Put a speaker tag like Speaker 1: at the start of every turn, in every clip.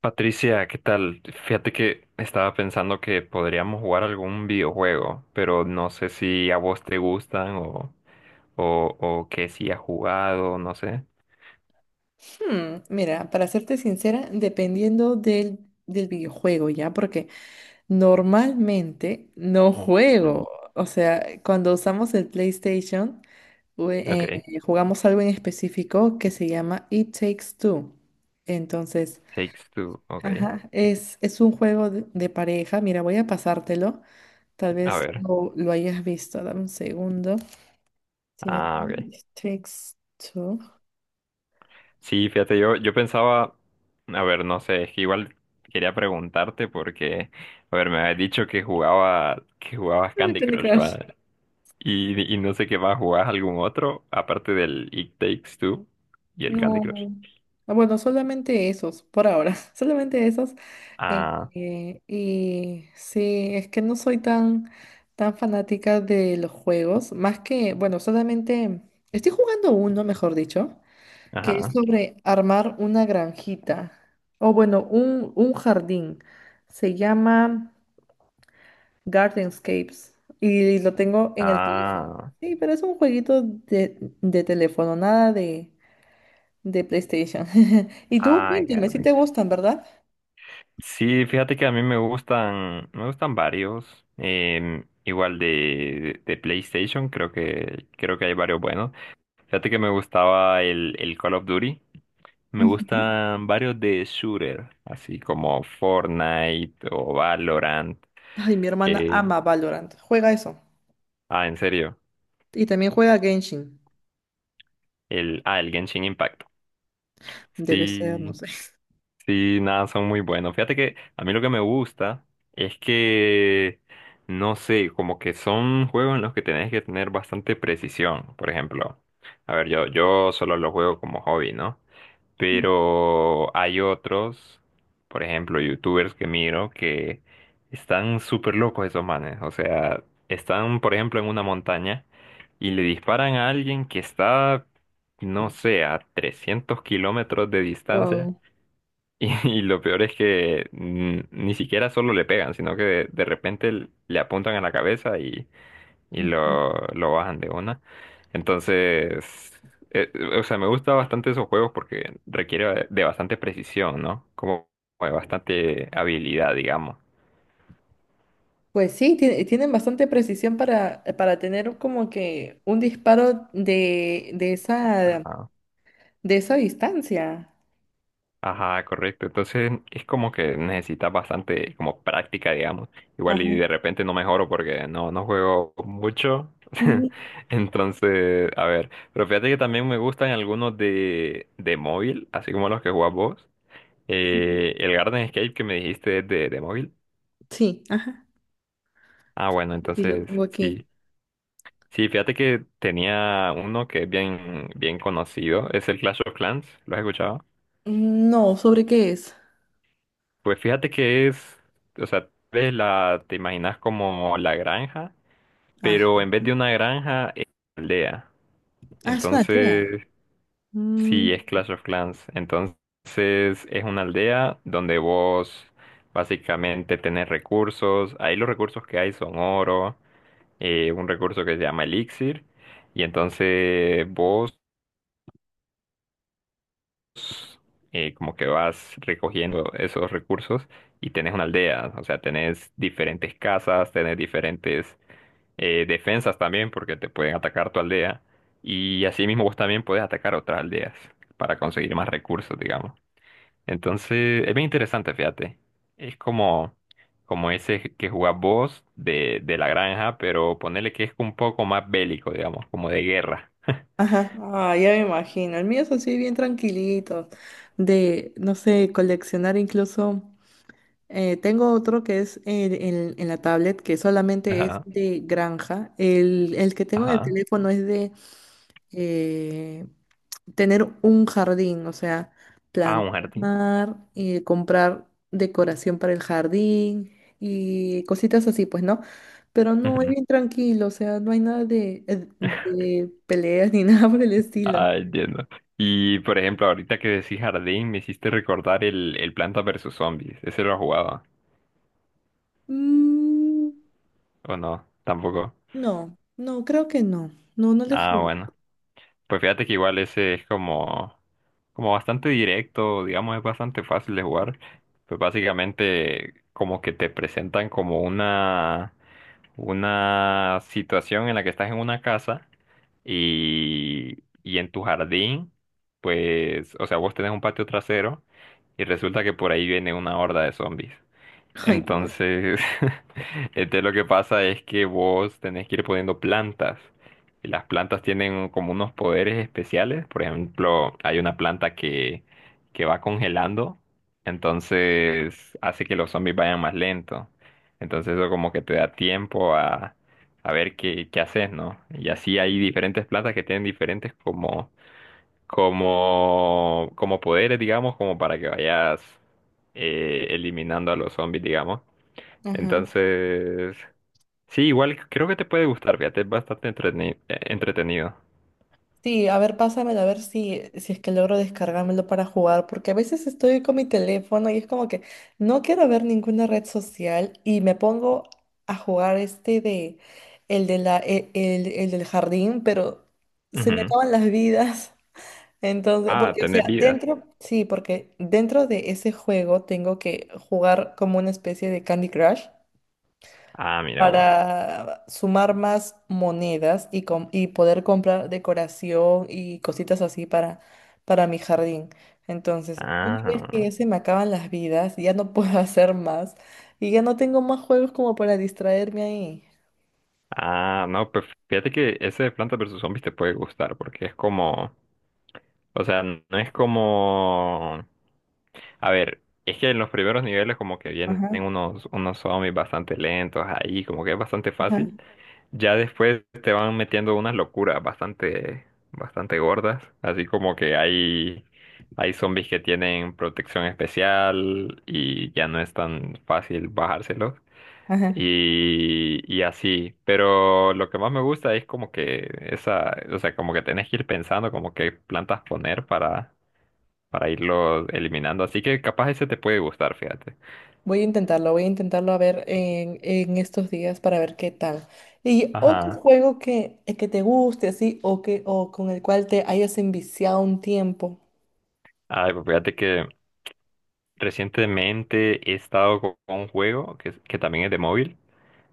Speaker 1: Patricia, ¿qué tal? Fíjate que estaba pensando que podríamos jugar algún videojuego, pero no sé si a vos te gustan o, o que si has jugado, no sé.
Speaker 2: Mira, para serte sincera, dependiendo del videojuego, ¿ya? Porque normalmente no
Speaker 1: Ujú.
Speaker 2: juego. O sea, cuando usamos el PlayStation, jue- eh,
Speaker 1: Ok,
Speaker 2: jugamos algo en específico que se llama It Takes Two. Entonces,
Speaker 1: Takes Two, ok.
Speaker 2: ajá, es un juego de pareja. Mira, voy a pasártelo. Tal
Speaker 1: A
Speaker 2: vez
Speaker 1: ver,
Speaker 2: lo hayas visto. Dame un segundo. Se
Speaker 1: ah, ok.
Speaker 2: It Takes Two.
Speaker 1: Sí, fíjate, yo pensaba, a ver, no sé, es que igual quería preguntarte porque, a ver, me habías dicho que jugabas
Speaker 2: Ah,
Speaker 1: Candy
Speaker 2: Candy
Speaker 1: Crush,
Speaker 2: Crush.
Speaker 1: ¿va? Y no sé qué más, ¿jugabas algún otro aparte del It Takes Two y el Candy
Speaker 2: No.
Speaker 1: Crush?
Speaker 2: Ah, bueno, solamente esos, por ahora, solamente esos. Eh,
Speaker 1: Ah,
Speaker 2: y sí, es que no soy tan fanática de los juegos, más que, bueno, solamente estoy jugando uno, mejor dicho, que es
Speaker 1: ajá.
Speaker 2: sobre armar una granjita, o bueno, un jardín. Se llama Gardenscapes y lo tengo en el teléfono.
Speaker 1: Ah,
Speaker 2: Sí, pero es un jueguito de teléfono, nada de de PlayStation. Y tú,
Speaker 1: ay,
Speaker 2: cuéntame, si
Speaker 1: Garden.
Speaker 2: te gustan, ¿verdad?
Speaker 1: Sí, fíjate que a mí me gustan varios. Igual de, PlayStation, creo que hay varios buenos. Fíjate que me gustaba el Call of Duty. Me
Speaker 2: Ujú.
Speaker 1: gustan varios de shooter, así como Fortnite o Valorant.
Speaker 2: Ay, mi hermana
Speaker 1: Que,
Speaker 2: ama Valorant. Juega eso.
Speaker 1: ah, en serio.
Speaker 2: Y también juega Genshin.
Speaker 1: El Genshin Impact.
Speaker 2: Debe ser, no
Speaker 1: Sí.
Speaker 2: sé.
Speaker 1: Sí, nada, son muy buenos. Fíjate que a mí lo que me gusta es que, no sé, como que son juegos en los que tenés que tener bastante precisión. Por ejemplo, a ver, yo solo los juego como hobby, ¿no? Pero hay otros, por ejemplo, youtubers que miro que están súper locos esos manes. O sea, están, por ejemplo, en una montaña y le disparan a alguien que está, no sé, a 300 kilómetros de distancia.
Speaker 2: Wow.
Speaker 1: Y lo peor es que ni siquiera solo le pegan, sino que de, repente le apuntan a la cabeza y,
Speaker 2: Ujú.
Speaker 1: lo bajan de una. Entonces, eh, o sea, me gusta bastante esos juegos porque requiere de bastante precisión, ¿no? Como de bastante habilidad, digamos.
Speaker 2: Pues sí, tienen bastante precisión para tener como que un disparo de
Speaker 1: Ajá.
Speaker 2: de esa distancia.
Speaker 1: Ajá, correcto. Entonces es como que necesitas bastante como práctica, digamos. Igual
Speaker 2: Ajá.
Speaker 1: y de repente no mejoro porque no juego mucho.
Speaker 2: Ujú,
Speaker 1: Entonces, a ver. Pero fíjate que también me gustan algunos de, móvil, así como los que jugás vos.
Speaker 2: ujú.
Speaker 1: El Garden Escape que me dijiste es de móvil.
Speaker 2: Sí, ajá.
Speaker 1: Ah, bueno,
Speaker 2: Sí, lo
Speaker 1: entonces
Speaker 2: tengo aquí.
Speaker 1: sí. Sí, fíjate que tenía uno que es bien, bien conocido. Es el Clash of Clans. ¿Lo has escuchado?
Speaker 2: Mm, no, ¿sobre qué es?
Speaker 1: Pues fíjate que es, o sea, ves la, te imaginas como la granja,
Speaker 2: Ah,
Speaker 1: pero en vez de una granja es una aldea.
Speaker 2: ah, es una aldea.
Speaker 1: Entonces, sí, es Clash of Clans. Entonces, es una aldea donde vos básicamente tenés recursos. Ahí los recursos que hay son oro, un recurso que se llama elixir. Y entonces vos como que vas recogiendo esos recursos y tenés una aldea, o sea, tenés diferentes casas, tenés diferentes defensas también, porque te pueden atacar tu aldea, y así mismo vos también podés atacar otras aldeas para conseguir más recursos, digamos. Entonces, es bien interesante, fíjate. Es como ese que jugás vos de, la granja, pero ponele que es un poco más bélico, digamos, como de guerra.
Speaker 2: Ajá, ah, ya me imagino. El mío es así bien tranquilito, de, no sé, coleccionar incluso. Eh, tengo otro que es en, en la tablet, que solamente es
Speaker 1: Ajá,
Speaker 2: de granja. El que tengo en el
Speaker 1: ajá.
Speaker 2: teléfono es de eh, tener un jardín, o sea,
Speaker 1: Ah, un jardín.
Speaker 2: plantar y comprar decoración para el jardín y cositas así, pues, ¿no? Pero no, es
Speaker 1: Ujú.
Speaker 2: bien tranquilo, o sea, no hay nada de, de peleas ni nada por el estilo.
Speaker 1: Ah, entiendo. Y por ejemplo, ahorita que decís jardín, me hiciste recordar el Planta versus Zombies. Ese lo jugaba.
Speaker 2: Mm,
Speaker 1: ¿O no? Tampoco.
Speaker 2: no, no, creo que no. No, no le
Speaker 1: Ah,
Speaker 2: jugué.
Speaker 1: bueno. Pues fíjate que igual ese es como bastante directo, digamos, es bastante fácil de jugar. Pues básicamente como que te presentan como una situación en la que estás en una casa y en tu jardín, pues, o sea, vos tenés un patio trasero y resulta que por ahí viene una horda de zombies.
Speaker 2: Ay, creo.
Speaker 1: Entonces, este, lo que pasa es que vos tenés que ir poniendo plantas. Y las plantas tienen como unos poderes especiales. Por ejemplo, hay una planta que va congelando. Entonces, hace que los zombies vayan más lento. Entonces, eso como que te da tiempo a ver qué haces, ¿no? Y así hay diferentes plantas que tienen diferentes como poderes, digamos, como para que vayas eliminando a los zombies, digamos.
Speaker 2: Ajá.
Speaker 1: Entonces, sí, igual creo que te puede gustar, fíjate, es bastante entretenido.
Speaker 2: Sí, a ver, pásamelo, a ver si, si es que logro descargármelo para jugar, porque a veces estoy con mi teléfono y es como que no quiero ver ninguna red social y me pongo a jugar este de el el del jardín, pero se me
Speaker 1: Ujú.
Speaker 2: acaban las vidas. Entonces,
Speaker 1: Ah,
Speaker 2: porque, o
Speaker 1: tener
Speaker 2: sea,
Speaker 1: vidas.
Speaker 2: dentro, sí, porque dentro de ese juego tengo que jugar como una especie de Candy Crush
Speaker 1: Ah, mira vos.
Speaker 2: para sumar más monedas y poder comprar decoración y cositas así para mi jardín. Entonces, una vez que ya
Speaker 1: Ah,
Speaker 2: se me acaban las vidas, ya no puedo hacer más y ya no tengo más juegos como para distraerme ahí.
Speaker 1: ah, no, pues fíjate que ese de Planta versus Zombies te puede gustar, porque es como, o sea, no es como... A ver, es que en los primeros niveles como que vienen
Speaker 2: Ajá,
Speaker 1: unos zombies bastante lentos ahí, como que es bastante
Speaker 2: ajá,
Speaker 1: fácil. Ya después te van metiendo unas locuras bastante, bastante gordas, así como que hay zombies que tienen protección especial y ya no es tan fácil bajárselos
Speaker 2: ajá.
Speaker 1: y, así. Pero lo que más me gusta es como que esa, o sea, como que tenés que ir pensando como qué plantas poner para irlos eliminando, así que capaz ese te puede gustar, fíjate.
Speaker 2: Voy a intentarlo a ver en estos días para ver qué tal. Y otro
Speaker 1: Ajá.
Speaker 2: juego que te guste así o que o con el cual te hayas enviciado un tiempo.
Speaker 1: Ay, pues fíjate que recientemente he estado con un juego que también es de móvil,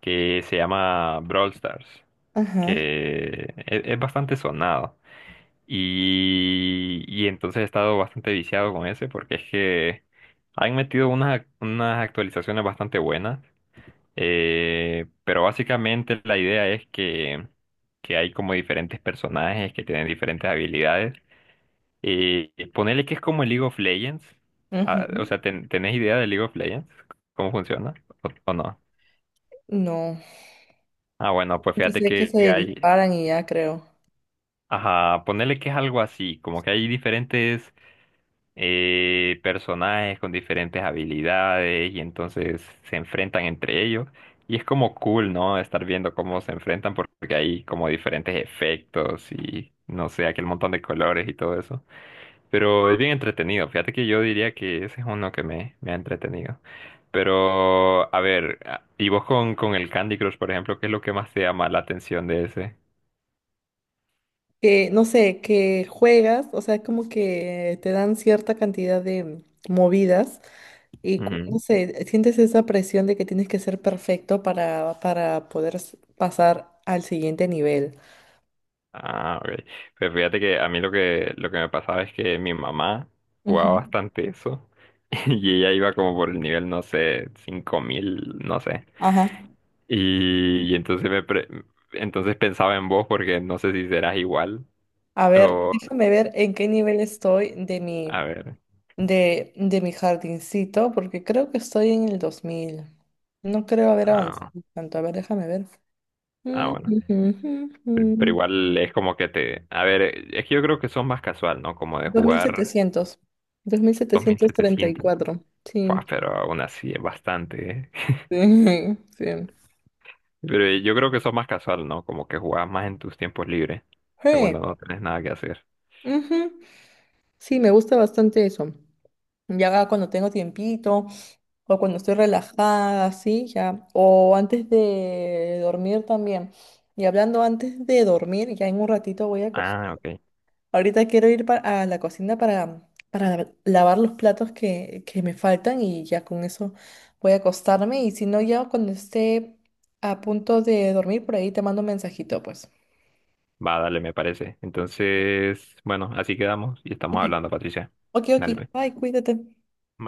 Speaker 1: que se llama Brawl Stars,
Speaker 2: Ajá.
Speaker 1: que es bastante sonado. Y entonces he estado bastante viciado con ese porque es que han metido unas actualizaciones bastante buenas. Pero básicamente la idea es que hay como diferentes personajes que tienen diferentes habilidades y ponerle que es como el League of Legends. Ah, o sea, ¿tenés idea de League of Legends? ¿Cómo funciona? ¿O no?
Speaker 2: No,
Speaker 1: Ah, bueno, pues
Speaker 2: yo
Speaker 1: fíjate
Speaker 2: sé que
Speaker 1: que
Speaker 2: se
Speaker 1: hay...
Speaker 2: disparan y ya creo.
Speaker 1: Ajá, ponerle que es algo así, como que hay diferentes personajes con diferentes habilidades y entonces se enfrentan entre ellos. Y es como cool, ¿no? Estar viendo cómo se enfrentan porque hay como diferentes efectos y no sé, aquel montón de colores y todo eso. Pero es bien entretenido. Fíjate que yo diría que ese es uno que me ha entretenido. Pero, a ver, ¿y vos con, el Candy Crush, por ejemplo, qué es lo que más te llama la atención de ese?
Speaker 2: Que, no sé, que juegas, o sea, como que te dan cierta cantidad de movidas
Speaker 1: Ujú.
Speaker 2: no sé, sientes esa presión de que tienes que ser perfecto para poder pasar al siguiente nivel.
Speaker 1: Ah, ok. Pues fíjate que a mí lo que me pasaba es que mi mamá
Speaker 2: Ujú.
Speaker 1: jugaba bastante eso. Y ella iba como por el nivel, no sé, 5.000 no sé.
Speaker 2: Ajá.
Speaker 1: Y entonces entonces pensaba en vos porque no sé si serás igual
Speaker 2: A ver,
Speaker 1: o...
Speaker 2: déjame ver en qué nivel estoy
Speaker 1: A ver.
Speaker 2: de mi jardincito, porque creo que estoy en el 2000. No creo haber avanzado
Speaker 1: Ah,
Speaker 2: tanto. A ver, déjame ver. Mm,
Speaker 1: ah, bueno.
Speaker 2: ujú, ujú,
Speaker 1: Pero
Speaker 2: ujú.
Speaker 1: igual es como que te... A ver, es que yo creo que son más casual, ¿no? Como de jugar
Speaker 2: 2700.
Speaker 1: 2.700.
Speaker 2: 2734.
Speaker 1: Fua,
Speaker 2: Sí.
Speaker 1: pero aún así es bastante, ¿eh?
Speaker 2: Sí. Sí.
Speaker 1: Pero yo creo que son más casual, ¿no? Como que jugás más en tus tiempos libres. O sea,
Speaker 2: Sí.
Speaker 1: cuando no tenés nada que hacer.
Speaker 2: Ujú. Sí, me gusta bastante eso. Ya cuando tengo tiempito o cuando estoy relajada, sí, ya. O antes de dormir también. Y hablando antes de dormir, ya en un ratito voy a
Speaker 1: Ah,
Speaker 2: acostarme.
Speaker 1: ok.
Speaker 2: Ahorita quiero ir a la cocina para lavar los platos que me faltan y ya con eso voy a acostarme. Y si no, ya cuando esté a punto de dormir, por ahí te mando un mensajito, pues.
Speaker 1: Va, dale, me parece. Entonces, bueno, así quedamos y estamos
Speaker 2: Ok,
Speaker 1: hablando, Patricia.
Speaker 2: ok, ok.
Speaker 1: Dale, pues.
Speaker 2: Bye, cuídate.
Speaker 1: Bye.